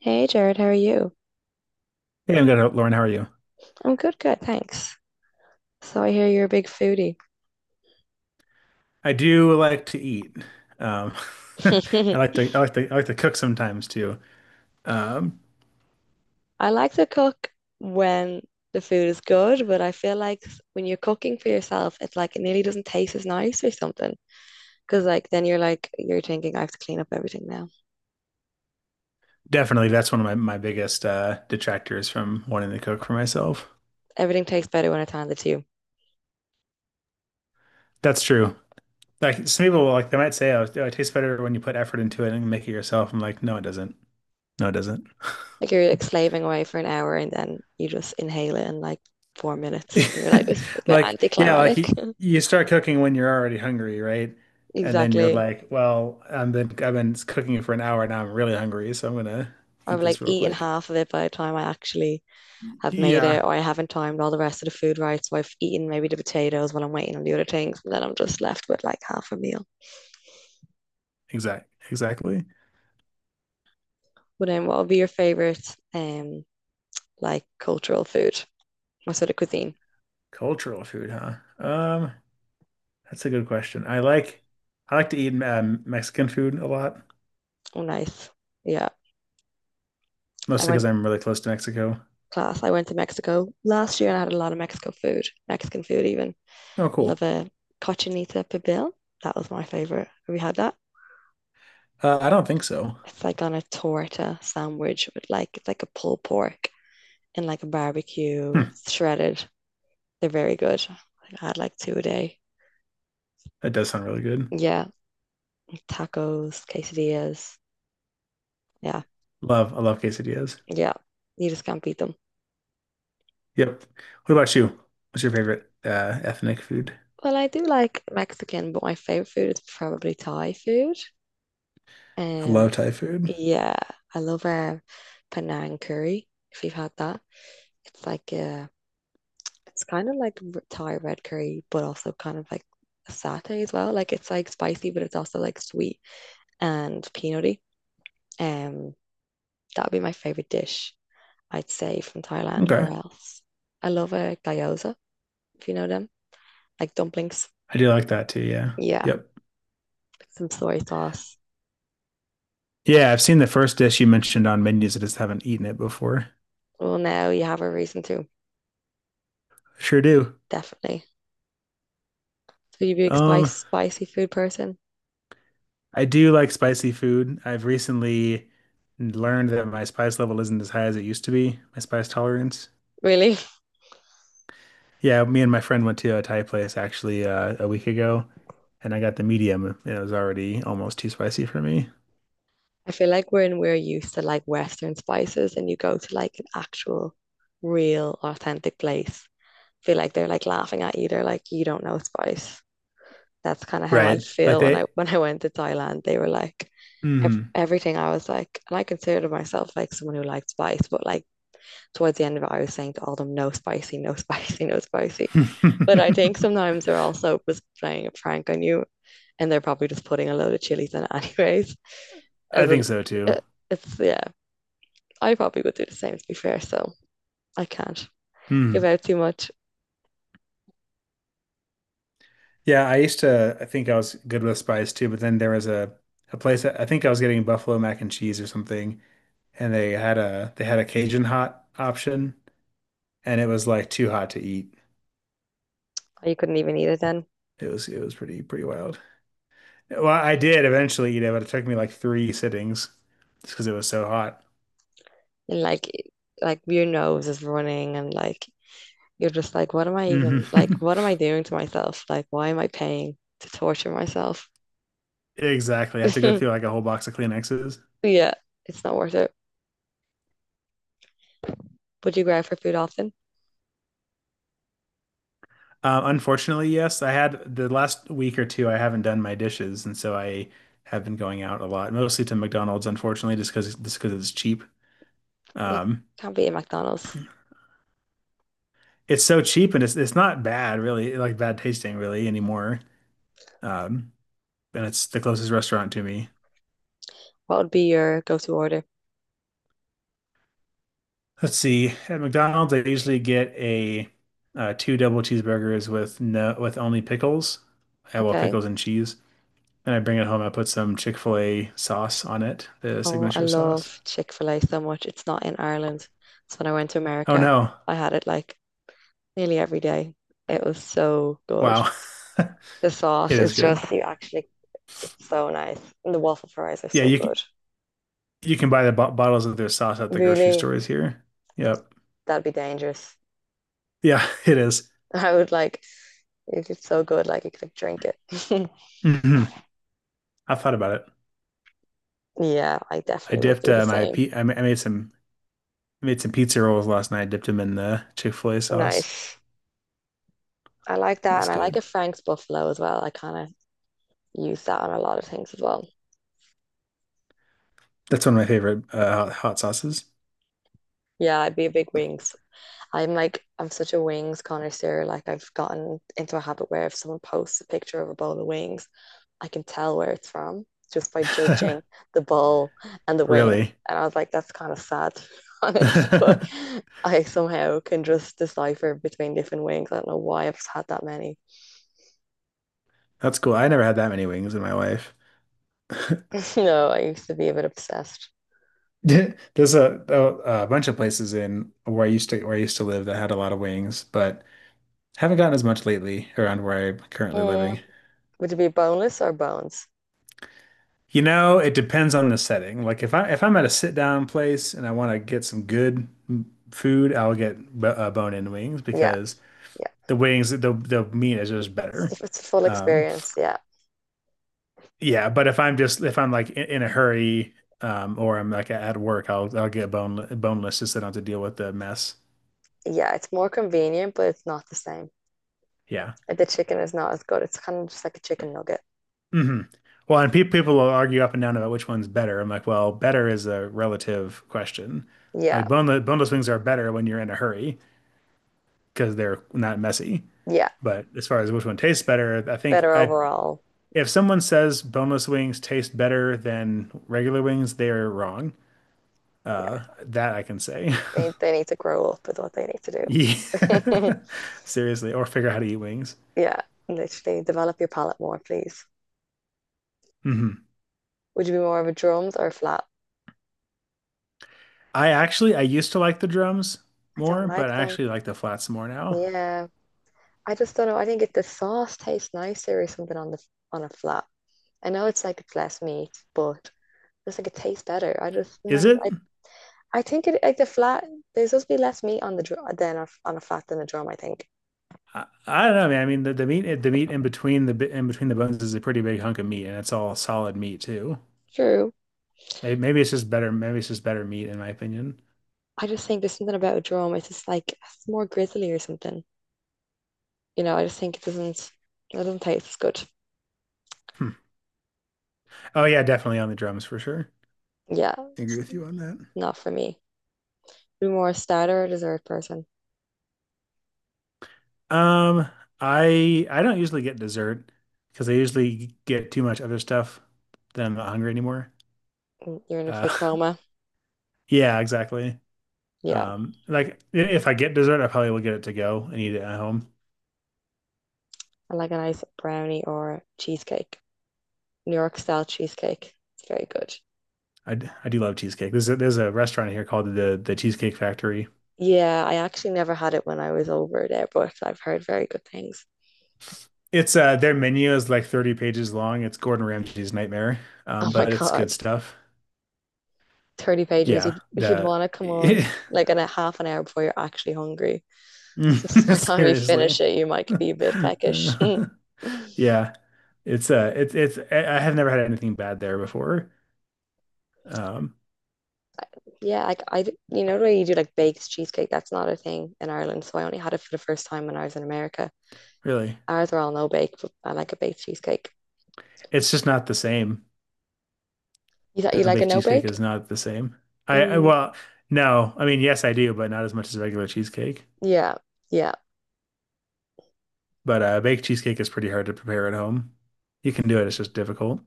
Hey Jared, how are you? Hey, I'm good, Lauren. How are you? I'm good, thanks. So I hear you're a big foodie. I do like to eat. Um, I I like to cook sometimes too. Um, I like to cook when the food is good, but I feel like when you're cooking for yourself, it's like it nearly doesn't taste as nice or something. Because like then you're thinking I have to clean up everything now. Definitely, that's one of my biggest detractors from wanting to cook for myself. Everything tastes better when it's handed to you. That's true. Like some people, like they might say, "Oh, it tastes better when you put effort into it and make it yourself." I'm like, no, it doesn't. No, it doesn't. Like you're like slaving away for an hour and then you just inhale it in like 4 minutes and you're like this is a bit Like, yeah, like anticlimactic. You start cooking when you're already hungry, right? And then you're Exactly. like, well, I've been cooking for an hour now. I'm really hungry, so I'm gonna I've eat like this real eaten quick. half of it by the time I actually have made Yeah, it or I haven't timed all the rest of the food right. So I've eaten maybe the potatoes while I'm waiting on the other things and then I'm just left with like half a meal. Exactly. But then what would be your favorite um like cultural food? What sort of cuisine? Cultural food, huh? That's a good question. I like to eat Mexican food a lot, Oh nice. Yeah. I mostly went because I'm really close to Mexico. class. I went to Mexico last year and I had a lot of Mexican food even. Oh, Love cool. a cochinita pibil. That was my favorite. Have you had that? I don't think so. It's like on a torta sandwich with like it's like a pulled pork and like a barbecue, Hmm, shredded. They're very good. Like, I had like two a day. that does sound really good. Yeah, tacos, quesadillas. Yeah, Love, I love quesadillas. yeah. You just can't beat them. Yep. What about you? What's your favorite ethnic food? Well, I do like Mexican, but my favorite food is probably Thai food. I Um, love Thai food. yeah, I love Penang curry. If you've had that, it's like it's kind of like Thai red curry, but also kind of like a satay as well. Like it's like spicy, but it's also like sweet and peanutty. Um, that would be my favorite dish. I'd say from Thailand Okay. or else. I love a gyoza, if you know them, like dumplings. I do like that too. Yeah. Yeah, Yep. with some soy sauce. Yeah, I've seen the first dish you mentioned on menus. I just haven't eaten it before. Well, now you have a reason to, Sure do. definitely. So you be a Um, spicy food person? I do like spicy food. I've recently learned that my spice level isn't as high as it used to be, my spice tolerance. Really? Yeah, me and my friend went to a Thai place actually a week ago, and I got the medium, and it was already almost too spicy for me. I feel like we're used to like Western spices and you go to like an actual, real, authentic place, feel like they're like laughing at you. They're like, you don't know spice. That's kind of how I Right. Like feel when I they, when I went to Thailand. They were like ev mm. everything. I was like, and I considered myself like someone who liked spice, but like towards the end of it, I was saying to all of them, no spicy, no spicy, no spicy. But I think sometimes they're also just playing a prank on you, and they're probably just putting a load of chilies in it anyways. I As a, think so too. eh, it's yeah, I probably would do the same to be fair. So I can't give Mhm. out too much. Yeah, I think I was good with spice too, but then there was a place that I think I was getting buffalo mac and cheese or something, and they had a Cajun hot option, and it was like too hot to eat. You couldn't even eat it then, It was pretty wild. Well, I did eventually eat it, but it took me like three sittings just because it was so hot. and like your nose is running and like you're just like, what am I Hmm. even like, what am I doing to myself? Like, why am I paying to torture myself? Exactly. I have to go through like a whole box of Kleenexes. Yeah, it's not worth it. Would you grab for food often? Unfortunately, yes. I had the last week or two, I haven't done my dishes, and so I have been going out a lot, mostly to McDonald's, unfortunately, just because it's cheap. You Um, can't be at McDonald's. it's so cheap, and it's not bad, really, like bad tasting, really anymore. Um, and it's the closest restaurant to me. What would be your go-to order? Let's see. At McDonald's, I usually get a two double cheeseburgers with no with only pickles. Yeah, well, Okay. pickles and cheese. And I bring it home. I put some Chick-fil-A sauce on it, the Oh, I signature sauce. love Chick-fil-A so much. It's not in Ireland. So when I went to Oh America, no. I had it like nearly every day. It was so good. Wow. The sauce It is is good. just, you actually, it's so nice. And the waffle fries are Yeah, so good. you can buy the bo bottles of their sauce at the grocery Really, stores here. Yep. that'd be dangerous. Yeah, it is. I would like, it's so good, like you could like, drink it. Mhm. I thought about it. Yeah, I I definitely would dipped do the my same. pe I ma- I made some pizza rolls last night. Dipped them in the Chick-fil-A sauce. Nice. I like It that. was And I like good. a Frank's Buffalo as well. I kind of use that on a lot of things as well. That's one of my favorite hot sauces. Yeah, I'd be a big wings. I'm such a wings connoisseur. Like, I've gotten into a habit where if someone posts a picture of a bowl of wings, I can tell where it's from just by judging the ball and the wing. Really? And I was like, that's kind of sad, to be honest. But That's I somehow can just decipher between different wings. I don't know why I've had that many. cool. I never had that many wings in my life. No, I used to be a bit obsessed. Yeah, there's a, a bunch of places in where I used to live that had a lot of wings, but haven't gotten as much lately around where I'm currently living. Mm, would it be boneless or bones? You know, it depends on the setting. Like if I'm at a sit down place and I want to get some good food, I'll get b bone-in wings Yeah, because yeah. The meat is just better. It's a full Um, experience. Yeah, yeah, but if I'm like in a hurry or I'm like at work, I'll get boneless just so I don't have to deal with the mess. yeah. It's more convenient, but it's not the same. Yeah. The chicken is not as good. It's kind of just like a chicken nugget. Hmm. Well, and pe people will argue up and down about which one's better. I'm like, well, better is a relative question. Yeah, Like boneless wings are better when you're in a hurry because they're not messy. yeah. But as far as which one tastes better, I think Better I overall. if someone says boneless wings taste better than regular wings, they're wrong. That I can say. They need to grow up with what they need to Yeah. do. Seriously, or figure out how to eat wings. Yeah, literally develop your palate more, please. Hmm. Would you be more of a drums or a flat? I used to like the drums I don't more, but like I them. actually like the flats more now. Yeah, I just don't know. I think if the sauce tastes nicer or something on the on a flat, I know it's like it's less meat, but it's like it tastes better. Is it? I think it like the flat. There's supposed to be less meat on the drum than a, on a flat than a drum. I think. I don't know, man. I mean, the meat in between the bones is a pretty big hunk of meat, and it's all solid meat too. True. Maybe, maybe it's just better. Maybe it's just better meat, in my opinion. I just think there's something about a drum. It's just like it's more grizzly or something. You know, I just think it doesn't taste as good. Hmm. Oh yeah, definitely on the drums for sure. Yeah, I agree it's with you on that. not for me. Be more a starter or a dessert person. Um, I don't usually get dessert because I usually get too much other stuff. Then I'm not hungry anymore. Mm, you're in a food Uh, coma. yeah, exactly. Yeah, Like if I get dessert, I probably will get it to go and eat it at home. I like a nice brownie or cheesecake. New York style cheesecake. It's very good. I do love cheesecake. There's a restaurant here called the Cheesecake Factory. Yeah, I actually never had it when I was over there, but I've heard very good things. It's their menu is like 30 pages long. It's Gordon Ramsay's nightmare. Oh my But it's God, good stuff. 30 pages. Yeah, You'd the want to come on like in a half an hour before you're actually hungry. So by the time you seriously. finish it, you might be a bit peckish. Yeah. It's it's I have never had anything bad there before. Um, Yeah, you know, when you do like baked cheesecake, that's not a thing in Ireland. So I only had it for the first time when I was in America. really. Ours are all no bake, but I like a baked cheesecake. It's just not the same. You thought you A like a baked no cheesecake bake? is not the same. I Really? Mm, well, no. I mean, yes, I do, but not as much as regular cheesecake. yeah, yeah. But baked cheesecake is pretty hard to prepare at home. You can do it, it's just difficult.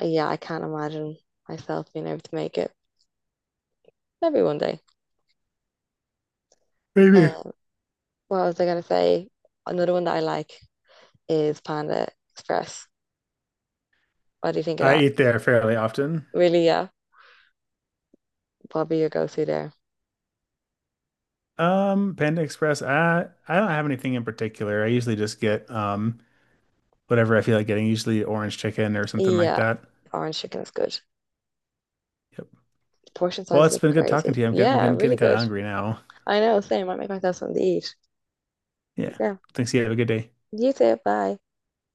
Yeah. I can't imagine myself being able to make it. Maybe one day. Maybe. Uh, what was I gonna say? Another one that I like is Panda Express. What do you think of I that? eat there fairly often. Really? Yeah, probably your go-to there. Panda Express, I don't have anything in particular. I usually just get whatever I feel like getting, usually orange chicken or something like Yeah, that. orange chicken is good. Yep. Portion Well, sizes it's are been good talking crazy. to you. Yeah, I'm really getting kind of good. hungry now. I know, same. I make myself something to eat. But Yeah. yeah. Thanks. You have a good day. You too. Bye.